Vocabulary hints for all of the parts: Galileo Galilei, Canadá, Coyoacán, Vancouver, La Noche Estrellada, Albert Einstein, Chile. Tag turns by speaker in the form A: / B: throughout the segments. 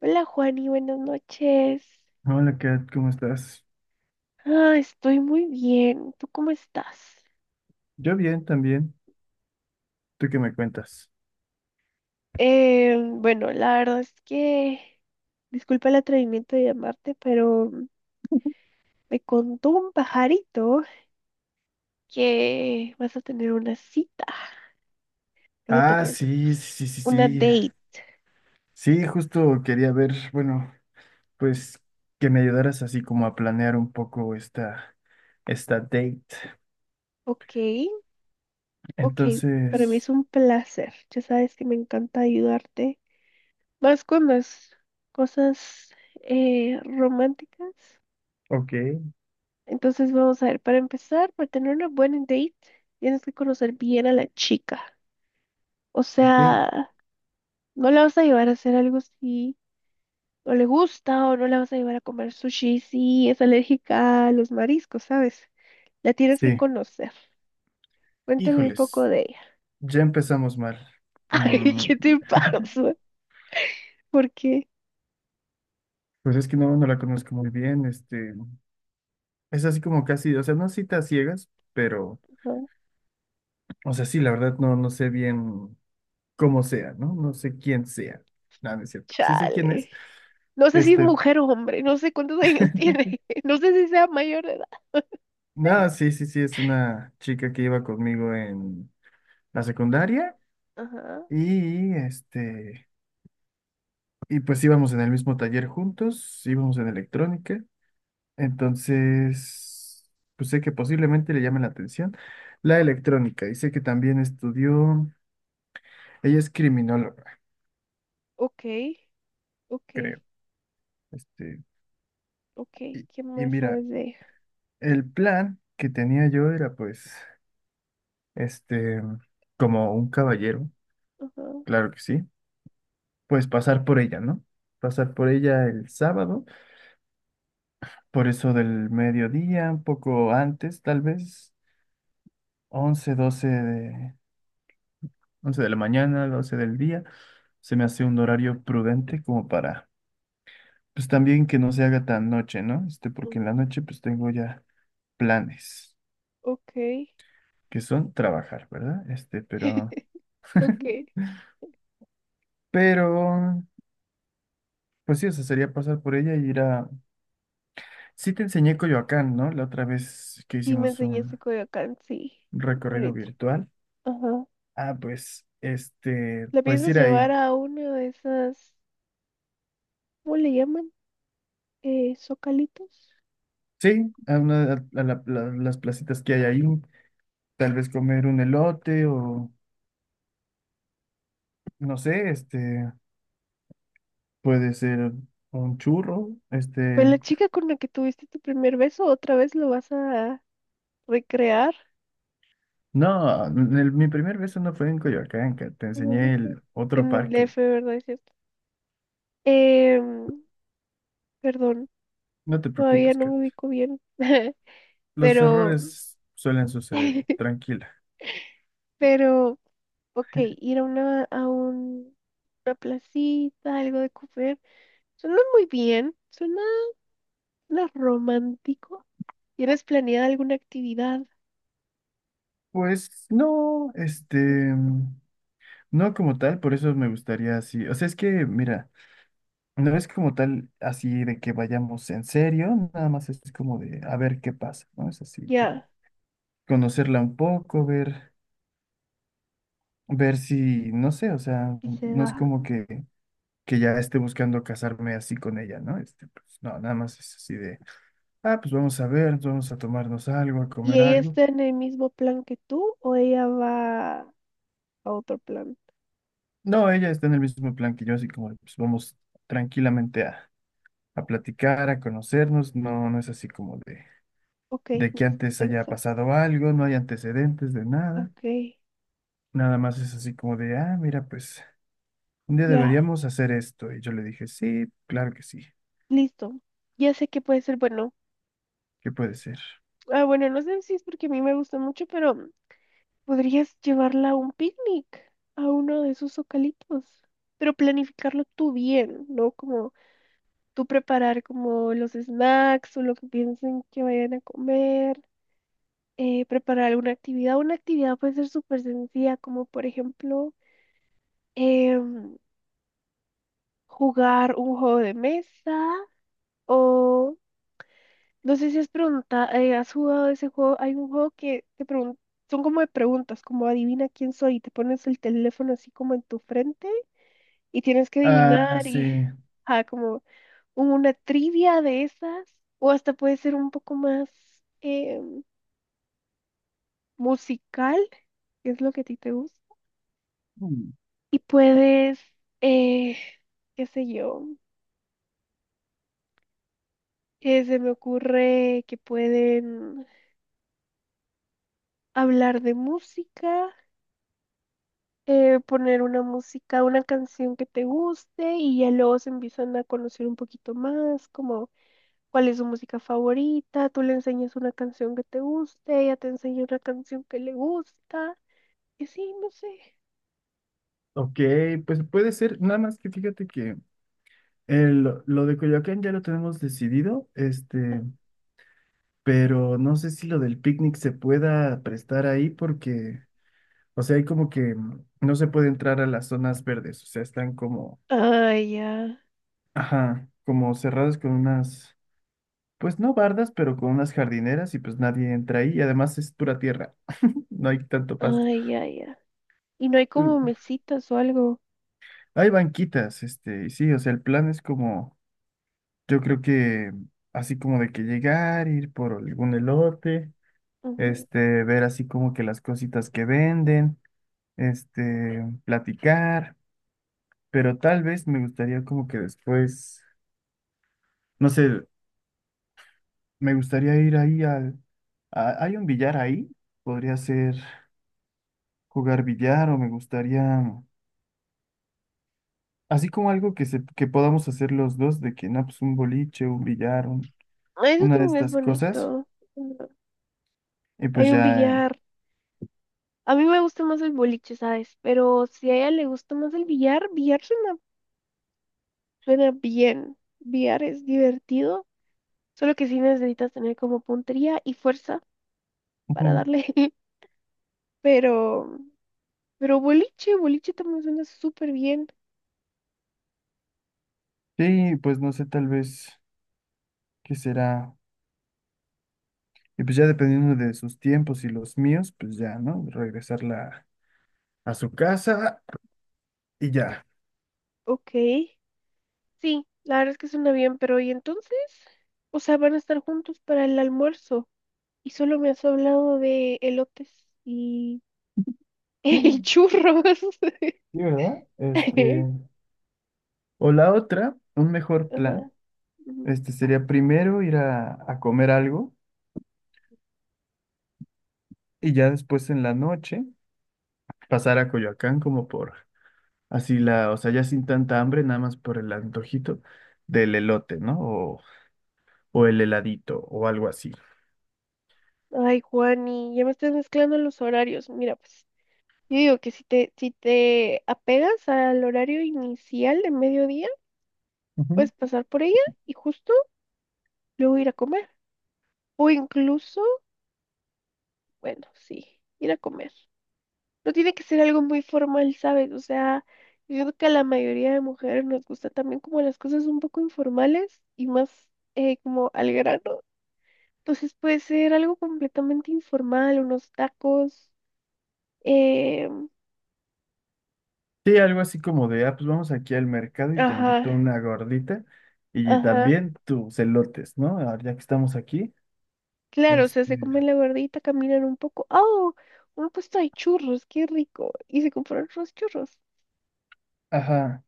A: Hola Juani, buenas noches.
B: Hola Kat, ¿cómo estás?
A: Estoy muy bien. ¿Tú cómo estás?
B: Yo bien también. ¿Tú qué me cuentas?
A: Bueno, la verdad es que disculpa el atrevimiento de llamarte, pero me contó un pajarito que vas a tener una cita, vas a
B: Ah,
A: tener
B: sí, sí, sí, sí.
A: una
B: Sí,
A: date.
B: sí, justo quería ver, bueno, pues que me ayudaras así como a planear un poco esta date.
A: Ok, ok, para mí es
B: Entonces,
A: un placer. Ya sabes que me encanta ayudarte. Más con las cosas románticas.
B: ok,
A: Entonces vamos a ver, para empezar, para tener una buena date, tienes que conocer bien a la chica. O
B: ok,
A: sea, no la vas a llevar a hacer algo si no le gusta o no la vas a llevar a comer sushi si es alérgica a los mariscos, ¿sabes? La tienes que
B: sí.
A: conocer. Cuéntame un poco
B: Híjoles,
A: de ella.
B: ya empezamos mal.
A: Ay,
B: Mm,
A: ¿qué te pasa? ¿Por qué?
B: pues es que no la conozco muy bien. Este, es así como casi, o sea, no citas ciegas, pero,
A: No,
B: o sea, sí, la verdad no sé bien. Como sea, ¿no? No sé quién sea. Nada, no es cierto. Sí sé quién
A: chale.
B: es.
A: No sé si es
B: Este,
A: mujer o hombre, no sé cuántos años tiene, no sé si sea mayor de edad.
B: nada, sí, sí, sí, es una chica que iba conmigo en la secundaria
A: Ajá,
B: y este, y pues íbamos en el mismo taller juntos, íbamos en electrónica. Entonces, pues sé que posiblemente le llame la atención la electrónica y sé que también estudió, ella es criminóloga,
A: ok, ok,
B: creo. Este,
A: ok,
B: y,
A: ¿qué
B: y
A: más
B: mira,
A: sabes de ella?
B: el plan que tenía yo era pues este, como un caballero,
A: Ajá.
B: claro que sí, pues pasar por ella, ¿no? Pasar por ella el sábado, por eso del mediodía, un poco antes, tal vez, 11 12 de, once de la mañana, doce del día, se me hace un horario prudente como para, pues también que no se haga tan noche, ¿no? Este, porque en
A: Mm,
B: la noche pues tengo ya planes,
A: ok.
B: que son trabajar, ¿verdad? Este, pero,
A: Ok.
B: pero, pues sí, eso sería pasar por ella y ir a. Sí te enseñé Coyoacán, ¿no? La otra vez que
A: Sí, me
B: hicimos
A: enseñaste
B: un
A: Coyoacán, sí.
B: recorrido
A: Bonito.
B: virtual.
A: Ajá.
B: Ah, pues, este,
A: ¿La
B: pues
A: piensas
B: ir
A: llevar
B: ahí.
A: a una de esas, ¿cómo le llaman? Zocalitos.
B: Sí, a, una- a la- la- las placitas que hay ahí. Tal vez comer un elote o, no sé, este, puede ser un churro.
A: Pues la
B: Este,
A: chica con la que tuviste tu primer beso, otra vez lo vas a recrear.
B: no, mi primer beso no fue en Coyoacán, Kat, te
A: ¿En dónde
B: enseñé
A: fue?
B: el otro
A: En el
B: parque.
A: DF, ¿verdad? Es cierto. Em, Perdón,
B: No te
A: todavía
B: preocupes,
A: no
B: Kat.
A: me ubico bien.
B: Los
A: Pero,
B: errores suelen suceder, tranquila.
A: pero, ok, ir a una, a un, una placita, algo de comer. Suena muy bien, suena, suena romántico. ¿Tienes planeada alguna actividad?
B: Pues no, este, no como tal, por eso me gustaría así. O sea, es que, mira, no es como tal así de que vayamos en serio, nada más es como de a ver qué pasa, ¿no? Es así como
A: Ya,
B: conocerla un poco, ver, si, no sé, o sea,
A: y se
B: no es
A: da.
B: como que ya esté buscando casarme así con ella, ¿no? Este, pues, no, nada más es así de, ah, pues vamos a ver, vamos a tomarnos algo, a
A: ¿Y
B: comer
A: ella
B: algo.
A: está en el mismo plan que tú o ella va a otro plan?
B: No, ella está en el mismo plan que yo, así como, de, pues vamos tranquilamente a, platicar, a conocernos, no, no es así como de
A: Ok,
B: de que
A: ni se
B: antes haya
A: piensa.
B: pasado algo, no hay antecedentes de nada.
A: Ok,
B: Nada más es así como de, ah, mira, pues un día
A: ya,
B: deberíamos hacer esto. Y yo le dije, sí, claro que sí,
A: listo. Ya sé que puede ser bueno.
B: qué puede ser.
A: Ah, bueno, no sé si es porque a mí me gusta mucho, pero podrías llevarla a un picnic, a uno de esos socalitos. Pero planificarlo tú bien, ¿no? Como tú preparar como los snacks o lo que piensen que vayan a comer, preparar alguna actividad. Una actividad puede ser súper sencilla, como por ejemplo em, jugar un juego de mesa o no sé si has preguntado, has jugado ese juego, hay un juego que son como de preguntas, como adivina quién soy, y te pones el teléfono así como en tu frente y tienes que
B: Ah,
A: adivinar
B: sí.
A: y, ah, como una trivia de esas, o hasta puede ser un poco más eh, musical, que es lo que a ti te gusta.
B: Mm,
A: Y puedes, eh, qué sé yo, se me ocurre que pueden hablar de música, poner una música, una canción que te guste y ya luego se empiezan a conocer un poquito más, como cuál es su música favorita, tú le enseñas una canción que te guste, ella te enseña una canción que le gusta, y sí, no sé.
B: Ok, pues puede ser, nada más que fíjate que lo de Coyoacán ya lo tenemos decidido, este, pero no sé si lo del picnic se pueda prestar ahí porque, o sea, hay como que no se puede entrar a las zonas verdes, o sea, están como.
A: Ay, ya.
B: Ajá, como cerradas con unas, pues no bardas, pero con unas jardineras y pues nadie entra ahí y además es pura tierra, no hay tanto pasto.
A: Ay, ya, ya. Y no hay como
B: Mm,
A: mesitas o algo.
B: Hay banquitas, este, y sí, o sea, el plan es como, yo creo que así como de que llegar, ir por algún elote,
A: Ujú.
B: este, ver así como que las cositas que venden, este, platicar, pero tal vez me gustaría como que después, no sé, me gustaría ir ahí hay un billar ahí, podría ser, jugar billar o me gustaría, así como algo que, que podamos hacer los dos, de que no, pues un boliche, un billar,
A: Ay, eso
B: una de
A: también es
B: estas cosas,
A: bonito. Ujú.
B: y pues
A: Hay un
B: ya,
A: billar. A mí me gusta más el boliche, ¿sabes? Pero si a ella le gusta más el billar, billar suena, suena bien. Billar es divertido. Solo que sí necesitas tener como puntería y fuerza para
B: ujú.
A: darle. Pero, pero boliche, boliche también suena súper bien.
B: Sí, pues no sé, tal vez qué será, y pues ya dependiendo de sus tiempos y los míos, pues ya, ¿no? Regresarla a su casa y ya.
A: Ok. Sí, la verdad es que suena bien, pero ¿y entonces? O sea, van a estar juntos para el almuerzo y solo me has hablado de elotes y, y
B: Mm.
A: churros.
B: Sí, ¿verdad? Este, o la otra, un mejor
A: Ajá,
B: plan,
A: ujú.
B: este sería primero ir a comer algo y ya después en la noche. Pasar a Coyoacán como por así la, o sea, ya sin tanta hambre, nada más por el antojito del elote, ¿no? O el heladito o algo así.
A: Ay, Juani, ya me estás mezclando los horarios. Mira, pues, yo digo que si te, si te apegas al horario inicial de mediodía,
B: Ujú.
A: puedes pasar por ella y justo luego ir a comer. O incluso, bueno, sí, ir a comer. No tiene que ser algo muy formal, ¿sabes? O sea, yo siento que a la mayoría de mujeres nos gusta también como las cosas un poco informales y más como al grano. Entonces puede ser algo completamente informal, unos tacos. eh,
B: Sí, algo así como de, ah, pues vamos aquí al mercado y te
A: ajá,
B: invito a una gordita y
A: ajá.
B: también tus elotes, ¿no? Ah, ya que estamos aquí,
A: Claro, o sea,
B: este,
A: se comen la gordita, caminan un poco. ¡Oh! Un puesto de churros, qué rico. Y se compraron unos churros.
B: ajá.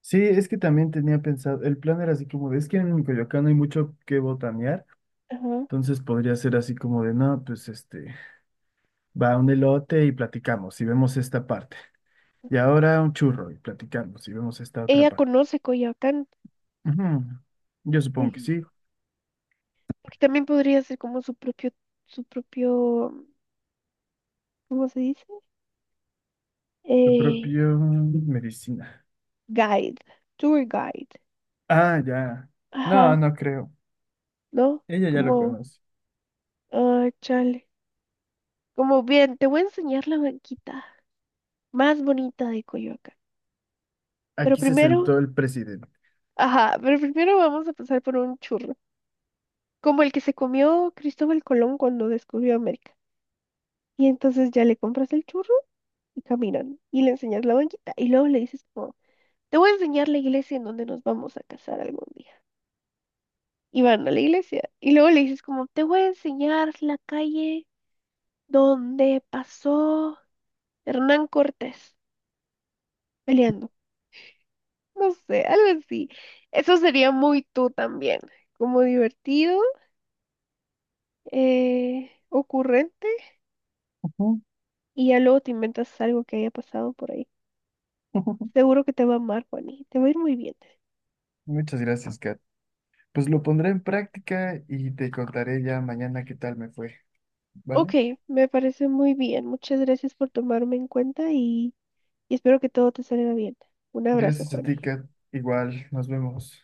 B: Sí, es que también tenía pensado, el plan era así como de, es que en Coyoacán no hay mucho que botanear,
A: Ajá.
B: entonces podría ser así como de, no, pues este, va un elote y platicamos y vemos esta parte. Y ahora un churro y platicamos y vemos esta otra
A: Ella
B: parte.
A: conoce Coyoacán.
B: Ujú. Yo supongo que
A: Sí.
B: sí.
A: Porque también podría ser como su propio, ¿cómo se dice?
B: Su
A: Eh,
B: propio medicina.
A: guide, tour guide.
B: Ah, ya. No,
A: Ajá,
B: no creo.
A: ¿no?
B: Ella ya
A: Mm.
B: lo
A: Como,
B: conoce.
A: ah, chale. Como bien, te voy a enseñar la banquita más bonita de Coyoacán. Pero
B: Aquí se
A: primero,
B: sentó el presidente.
A: ajá, pero primero vamos a pasar por un churro, como el que se comió Cristóbal Colón cuando descubrió América. Y entonces ya le compras el churro y caminan y le enseñas la banquita y luego le dices como, te voy a enseñar la iglesia en donde nos vamos a casar algún día. Y van a la iglesia y luego le dices como, te voy a enseñar la calle donde pasó Hernán Cortés peleando. No sé, algo así. Eso sería muy tú también, como divertido, ocurrente,
B: Ujú,
A: y ya luego te inventas algo que haya pasado por ahí.
B: ujú.
A: Seguro que te va a amar, Juani, te va a ir muy bien.
B: Muchas gracias, Kat. Pues lo pondré en práctica y te contaré ya mañana qué tal me fue, ¿vale?
A: Ok, me parece muy bien. Muchas gracias por tomarme en cuenta y espero que todo te salga bien. Un abrazo,
B: Gracias a
A: Juani.
B: ti, Kat. Igual, nos vemos.